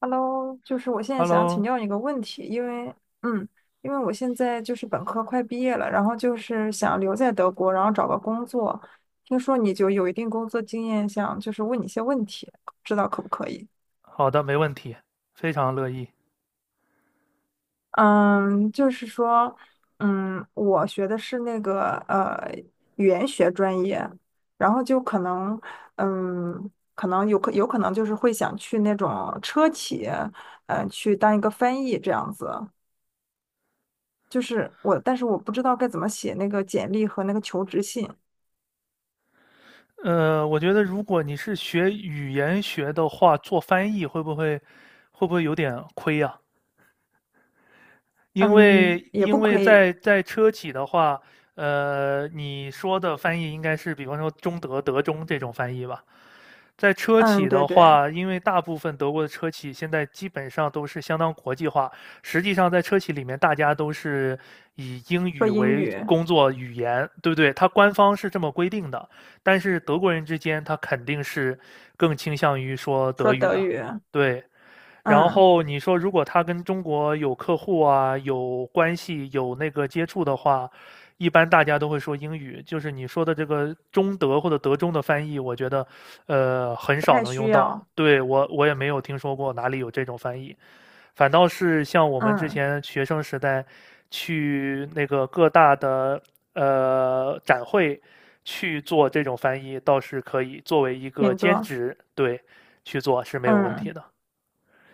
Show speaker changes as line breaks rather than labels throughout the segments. Hello，就是我现在想请
Hello，
教你个问题，因为，嗯，因为我现在就是本科快毕业了，然后就是想留在德国，然后找个工作。听说你就有一定工作经验，想就是问你一些问题，不知道可不可以？
好的，没问题，非常乐意。
嗯，就是说，我学的是那个语言学专业，然后就可能，可能有可能就是会想去那种车企，嗯、去当一个翻译这样子。就是我，但是我不知道该怎么写那个简历和那个求职信。
我觉得如果你是学语言学的话，做翻译会不会有点亏啊？因
嗯，
为
也
因
不
为
亏。
在车企的话，你说的翻译应该是比方说中德、德中这种翻译吧？在车企
嗯，对
的
对。
话，因为大部分德国的车企现在基本上都是相当国际化。实际上，在车企里面，大家都是以英
说
语
英
为
语。
工作语言，对不对？它官方是这么规定的，但是德国人之间，他肯定是更倾向于说
说
德语
德
的。
语。
对，然
嗯，
后你说，如果他跟中国有客户啊、有关系、有那个接触的话，一般大家都会说英语。就是你说的这个中德或者德中的翻译，我觉得，很
不
少
太
能
需
用到。
要。
对，我也没有听说过哪里有这种翻译，反倒是像我们之
嗯，
前学生时代去那个各大的展会去做这种翻译，倒是可以作为一个
挺
兼
多。
职，对，去做是没有问题
嗯
的。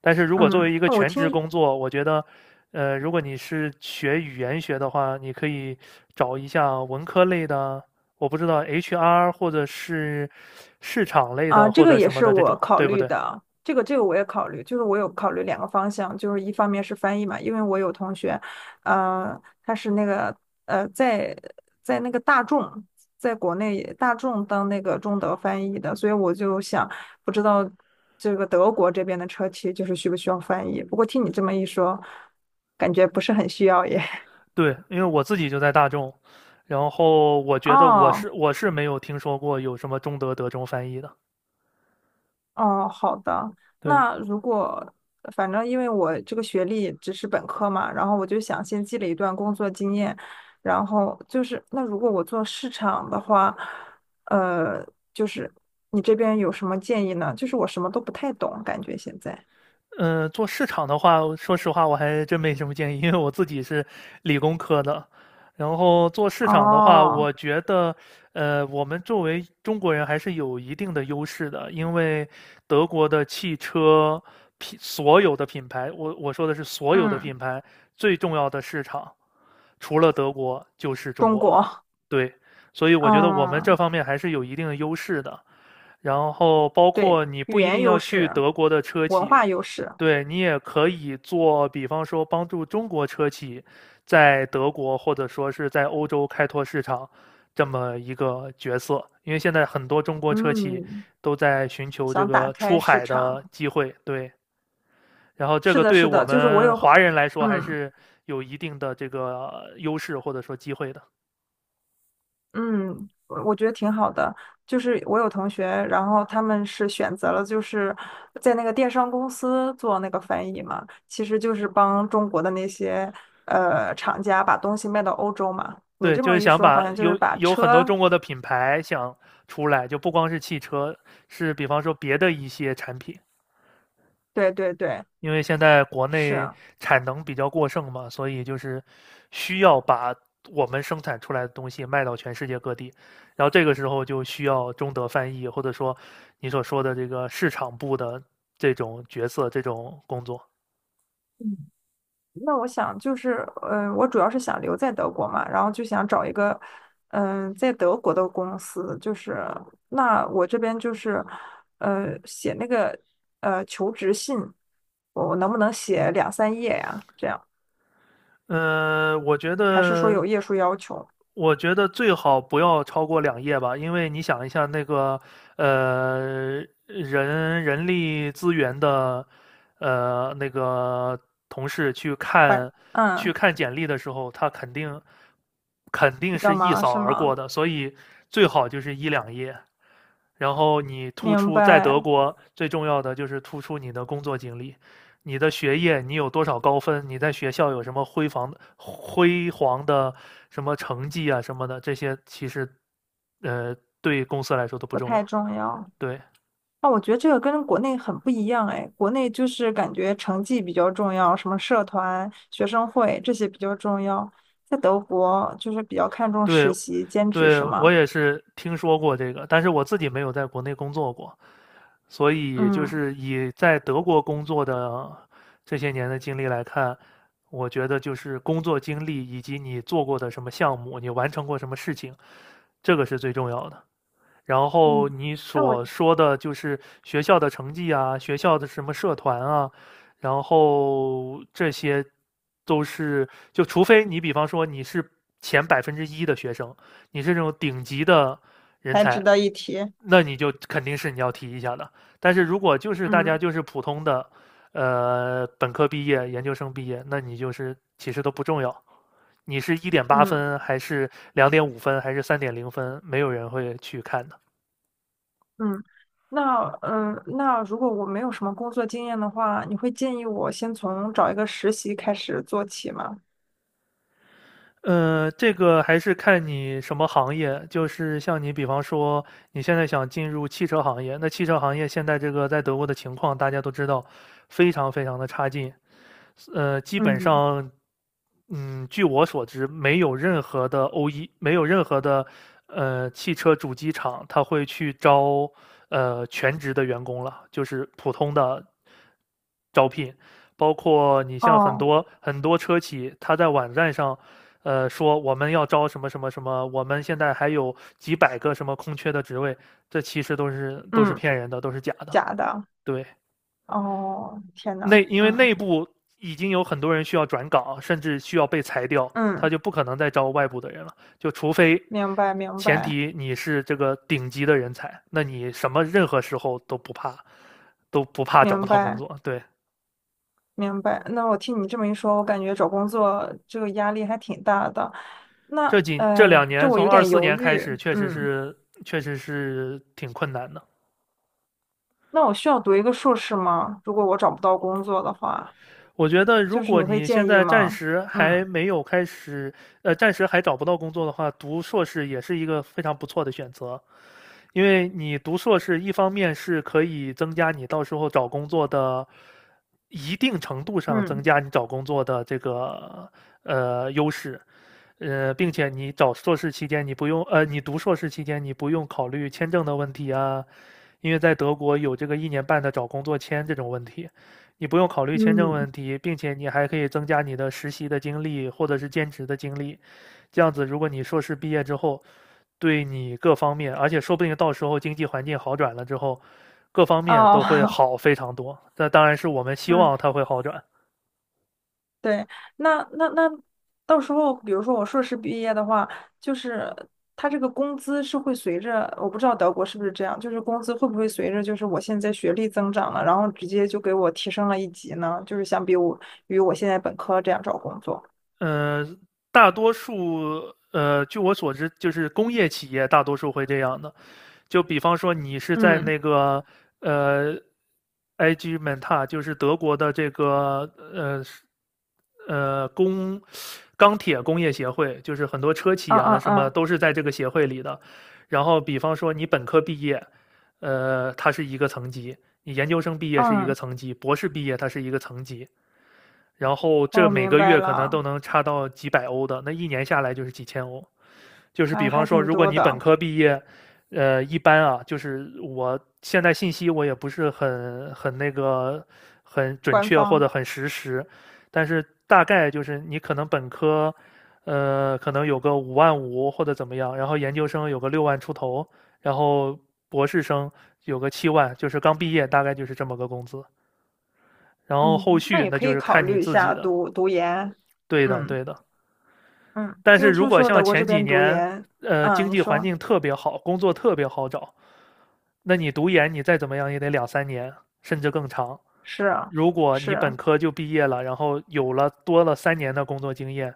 但是如果作
嗯，
为一个
那我
全职
听。
工作，我觉得，如果你是学语言学的话，你可以找一下文科类的，我不知道 HR 或者是市场类
啊，
的
这
或
个
者
也
什么
是
的这
我
种，
考
对不
虑
对？
的，这个我也考虑，就是我有考虑两个方向，就是一方面是翻译嘛，因为我有同学，他是那个呃在在那个大众，在国内大众当那个中德翻译的，所以我就想不知道这个德国这边的车企就是需不需要翻译，不过听你这么一说，感觉不是很需要耶。
对，因为我自己就在大众，然后我觉得我
哦，
是我是没有听说过有什么中德德中翻译的，
哦，好的。
对。
那如果反正因为我这个学历只是本科嘛，然后我就想先积累一段工作经验，然后就是那如果我做市场的话，呃，就是你这边有什么建议呢？就是我什么都不太懂，感觉现在。
嗯，做市场的话，说实话我还真没什么建议，因为我自己是理工科的。然后做市场的话，
哦。
我觉得，我们作为中国人还是有一定的优势的，因为德国的汽车所有的品牌，我说的是所有的
嗯，
品牌，最重要的市场除了德国就是中
中
国了。
国。
对，所以我觉得我们这
嗯，
方面还是有一定的优势的。然后包
对，
括你
语
不一
言
定要
优
去
势，
德国的车
文
企，
化优势。
对你也可以做，比方说帮助中国车企在德国或者说是在欧洲开拓市场这么一个角色，因为现在很多中国车企
嗯，
都在寻求这
想打
个出
开市
海的
场。
机会，对，然后这
是
个
的，
对
是
我
的，就是我
们华
有。
人来说还
嗯。
是有一定的这个优势或者说机会的。
嗯，我我觉得挺好的。就是我有同学，然后他们是选择了就是在那个电商公司做那个翻译嘛，其实就是帮中国的那些厂家把东西卖到欧洲嘛。你
对，
这
就
么
是
一
想
说，
把
好像就是
有
把
有很多
车。
中国的品牌想出来，就不光是汽车，是比方说别的一些产品，
对对对，
因为现在国
是。
内产能比较过剩嘛，所以就是需要把我们生产出来的东西卖到全世界各地，然后这个时候就需要中德翻译，或者说你所说的这个市场部的这种角色、这种工作。
那我想就是，我主要是想留在德国嘛，然后就想找一个，嗯、在德国的公司，就是那我这边就是，写那个求职信，我能不能写两三页呀？这样
呃，我觉
还是说
得，
有页数要求？
我觉得最好不要超过两页吧，因为你想一下那个，呃，人力资源的，那个同事去
快。
看去
嗯，
看简历的时候，他肯定
比较
是一
忙
扫
是
而过
吗？
的，所以最好就是一两页。然后你突
明
出在德
白，
国最重要的就是突出你的工作经历，你的学业你有多少高分，你在学校有什么辉煌的什么成绩啊什么的，这些其实呃对公司来说都不
不
重
太
要。
重要。
对
那我觉得这个跟国内很不一样哎，国内就是感觉成绩比较重要，什么社团、学生会这些比较重要。在德国就是比较看重
对，
实习、兼职，
对，
是
我
吗？
也是听说过这个，但是我自己没有在国内工作过，所以就
嗯。
是以在德国工作的这些年的经历来看，我觉得就是工作经历以及你做过的什么项目，你完成过什么事情，这个是最重要的。然后
嗯，
你
那我
所说的就是学校的成绩啊，学校的什么社团啊，然后这些都是就除非你比方说你是前1%的学生，你是这种顶级的人
还值
才，
得一提。
那你就肯定是你要提一下的。但是如果就是大家
嗯
就是普通的，本科毕业、研究生毕业，那你就是其实都不重要。你是一点八
嗯
分还是2.5分还是3.0分，没有人会去看的。
嗯，那那如果我没有什么工作经验的话，你会建议我先从找一个实习开始做起吗？
这个还是看你什么行业。就是像你，比方说你现在想进入汽车行业，那汽车行业现在这个在德国的情况，大家都知道，非常非常的差劲。基本
嗯。
上，据我所知，没有任何的 OE,没有任何的汽车主机厂，他会去招全职的员工了，就是普通的招聘。包括你像很
哦。
多很多车企，他在网站上，说我们要招什么什么什么，我们现在还有几百个什么空缺的职位，这其实都是
嗯，
骗人的，都是假的。
假的。
对，
哦，天呐。
因为
嗯
内部已经有很多人需要转岗，甚至需要被裁掉，他
嗯，
就不可能再招外部的人了，就除非
明白明
前
白。
提你是这个顶级的人才，那你什么任何时候都不怕，都不怕找不
明
到工
白，
作。对，
明白。那我听你这么一说，我感觉找工作这个压力还挺大的。那，
这两
哎，这
年
我
从
有
二
点
四
犹
年开
豫。
始，确实
嗯，
是确实是挺困难的。
那我需要读一个硕士吗？如果我找不到工作的话，
我觉得，如
就是
果
你会
你现
建议
在暂
吗？
时还
嗯
没有开始，暂时还找不到工作的话，读硕士也是一个非常不错的选择。因为你读硕士，一方面是可以增加你到时候找工作的一定程度上增
嗯
加你找工作的这个优势，并且你找硕士期间你不用呃，你读硕士期间你不用考虑签证的问题啊，因为在德国有这个一年半的找工作签这种问题，你不用考虑签证
嗯，
问题，并且你还可以增加你的实习的经历或者是兼职的经历，这样子如果你硕士毕业之后。对你各方面，而且说不定到时候经济环境好转了之后，各方面都会
哦，
好非常多。那当然是我们 希
嗯。
望它会好转。
对，那到时候，比如说我硕士毕业的话，就是他这个工资是会随着，我不知道德国是不是这样，就是工资会不会随着就是我现在学历增长了，然后直接就给我提升了一级呢？就是相比我与我现在本科这样找工作。
嗯、呃大多数据我所知，就是工业企业大多数会这样的。就比方说你是在
嗯
那个呃，IG Menta,就是德国的这个呃呃工钢铁工业协会，就是很多车企
嗯
啊
嗯
什么
嗯
都是在这个协会里的。然后比方说你本科毕业，它是一个层级；你研究生毕业是一个
嗯。
层级，博士毕业它是一个层级。然后这
哦，
每
明
个
白
月可能都
了，
能差到几百欧的，那一年下来就是几千欧。就是
还
比方
还
说，
挺
如果
多
你本
的，
科毕业，一般啊，就是我现在信息我也不是很那个很准
官
确或
方。
者很实时，但是大概就是你可能本科，可能有个5万5或者怎么样，然后研究生有个6万出头，然后博士生有个7万，就是刚毕业大概就是这么个工资，然后后
嗯，那
续
也
那
可
就
以
是
考
看你
虑一
自己
下
的。
读读研。
对的，
嗯
对的。
嗯，
但
因
是
为
如
听
果
说
像
德国这
前几
边读
年，
研。嗯，
经
你
济环
说。
境特别好，工作特别好找，那你读研你再怎么样也得两三年，甚至更长。
是啊。
如果
是
你本
啊。
科就毕业了，然后有了多了三年的工作经验，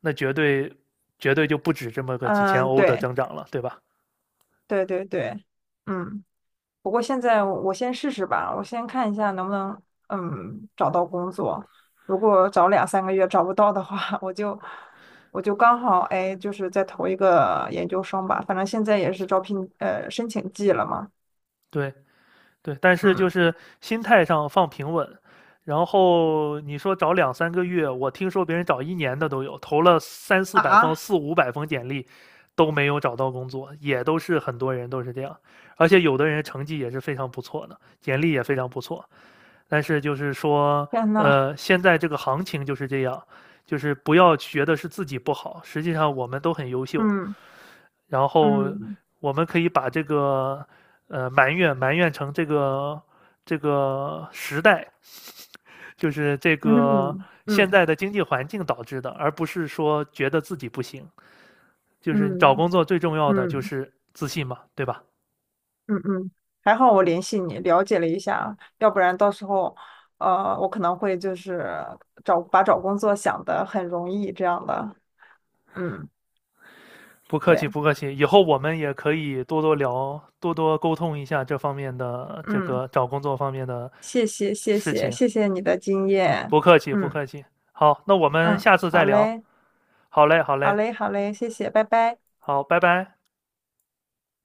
那绝对就不止这么个几千
嗯，
欧的
对
增长了，对吧？
对对对，嗯。不过现在我先试试吧，我先看一下能不能嗯找到工作。如果找两三个月找不到的话，我就刚好哎，就是再投一个研究生吧。反正现在也是招聘申请季了嘛。
对，对，但是就
嗯。
是心态上放平稳，然后你说找两三个月，我听说别人找一年的都有，投了三四百封、
啊，
四五百封简历，都没有找到工作，也都是很多人都是这样，而且有的人成绩也是非常不错的，简历也非常不错，但是就是说，
天呐。
现在这个行情就是这样，就是不要觉得是自己不好，实际上我们都很优秀，
嗯
然后
嗯
我们可以把这个埋怨埋怨成这个时代，就是这
嗯
个
嗯
现
嗯
在的经济环境导致的，而不是说觉得自己不行。就是找
嗯
工作最重要的就
嗯。
是自信嘛，对吧？
嗯嗯，还好我联系你，了解了一下，要不然到时候，我可能会就是找把找工作想的很容易这样的。嗯，
不客
对，
气，不客气。以后我们也可以多多聊，多多沟通一下这方面的这
嗯，
个找工作方面的
谢谢谢
事
谢
情。
谢谢你的经验，
不客气，不
嗯
客气。好，那我们
嗯，
下次再
好
聊。
嘞
好嘞，好
好
嘞，
嘞好嘞，谢谢，拜拜。
好，拜拜。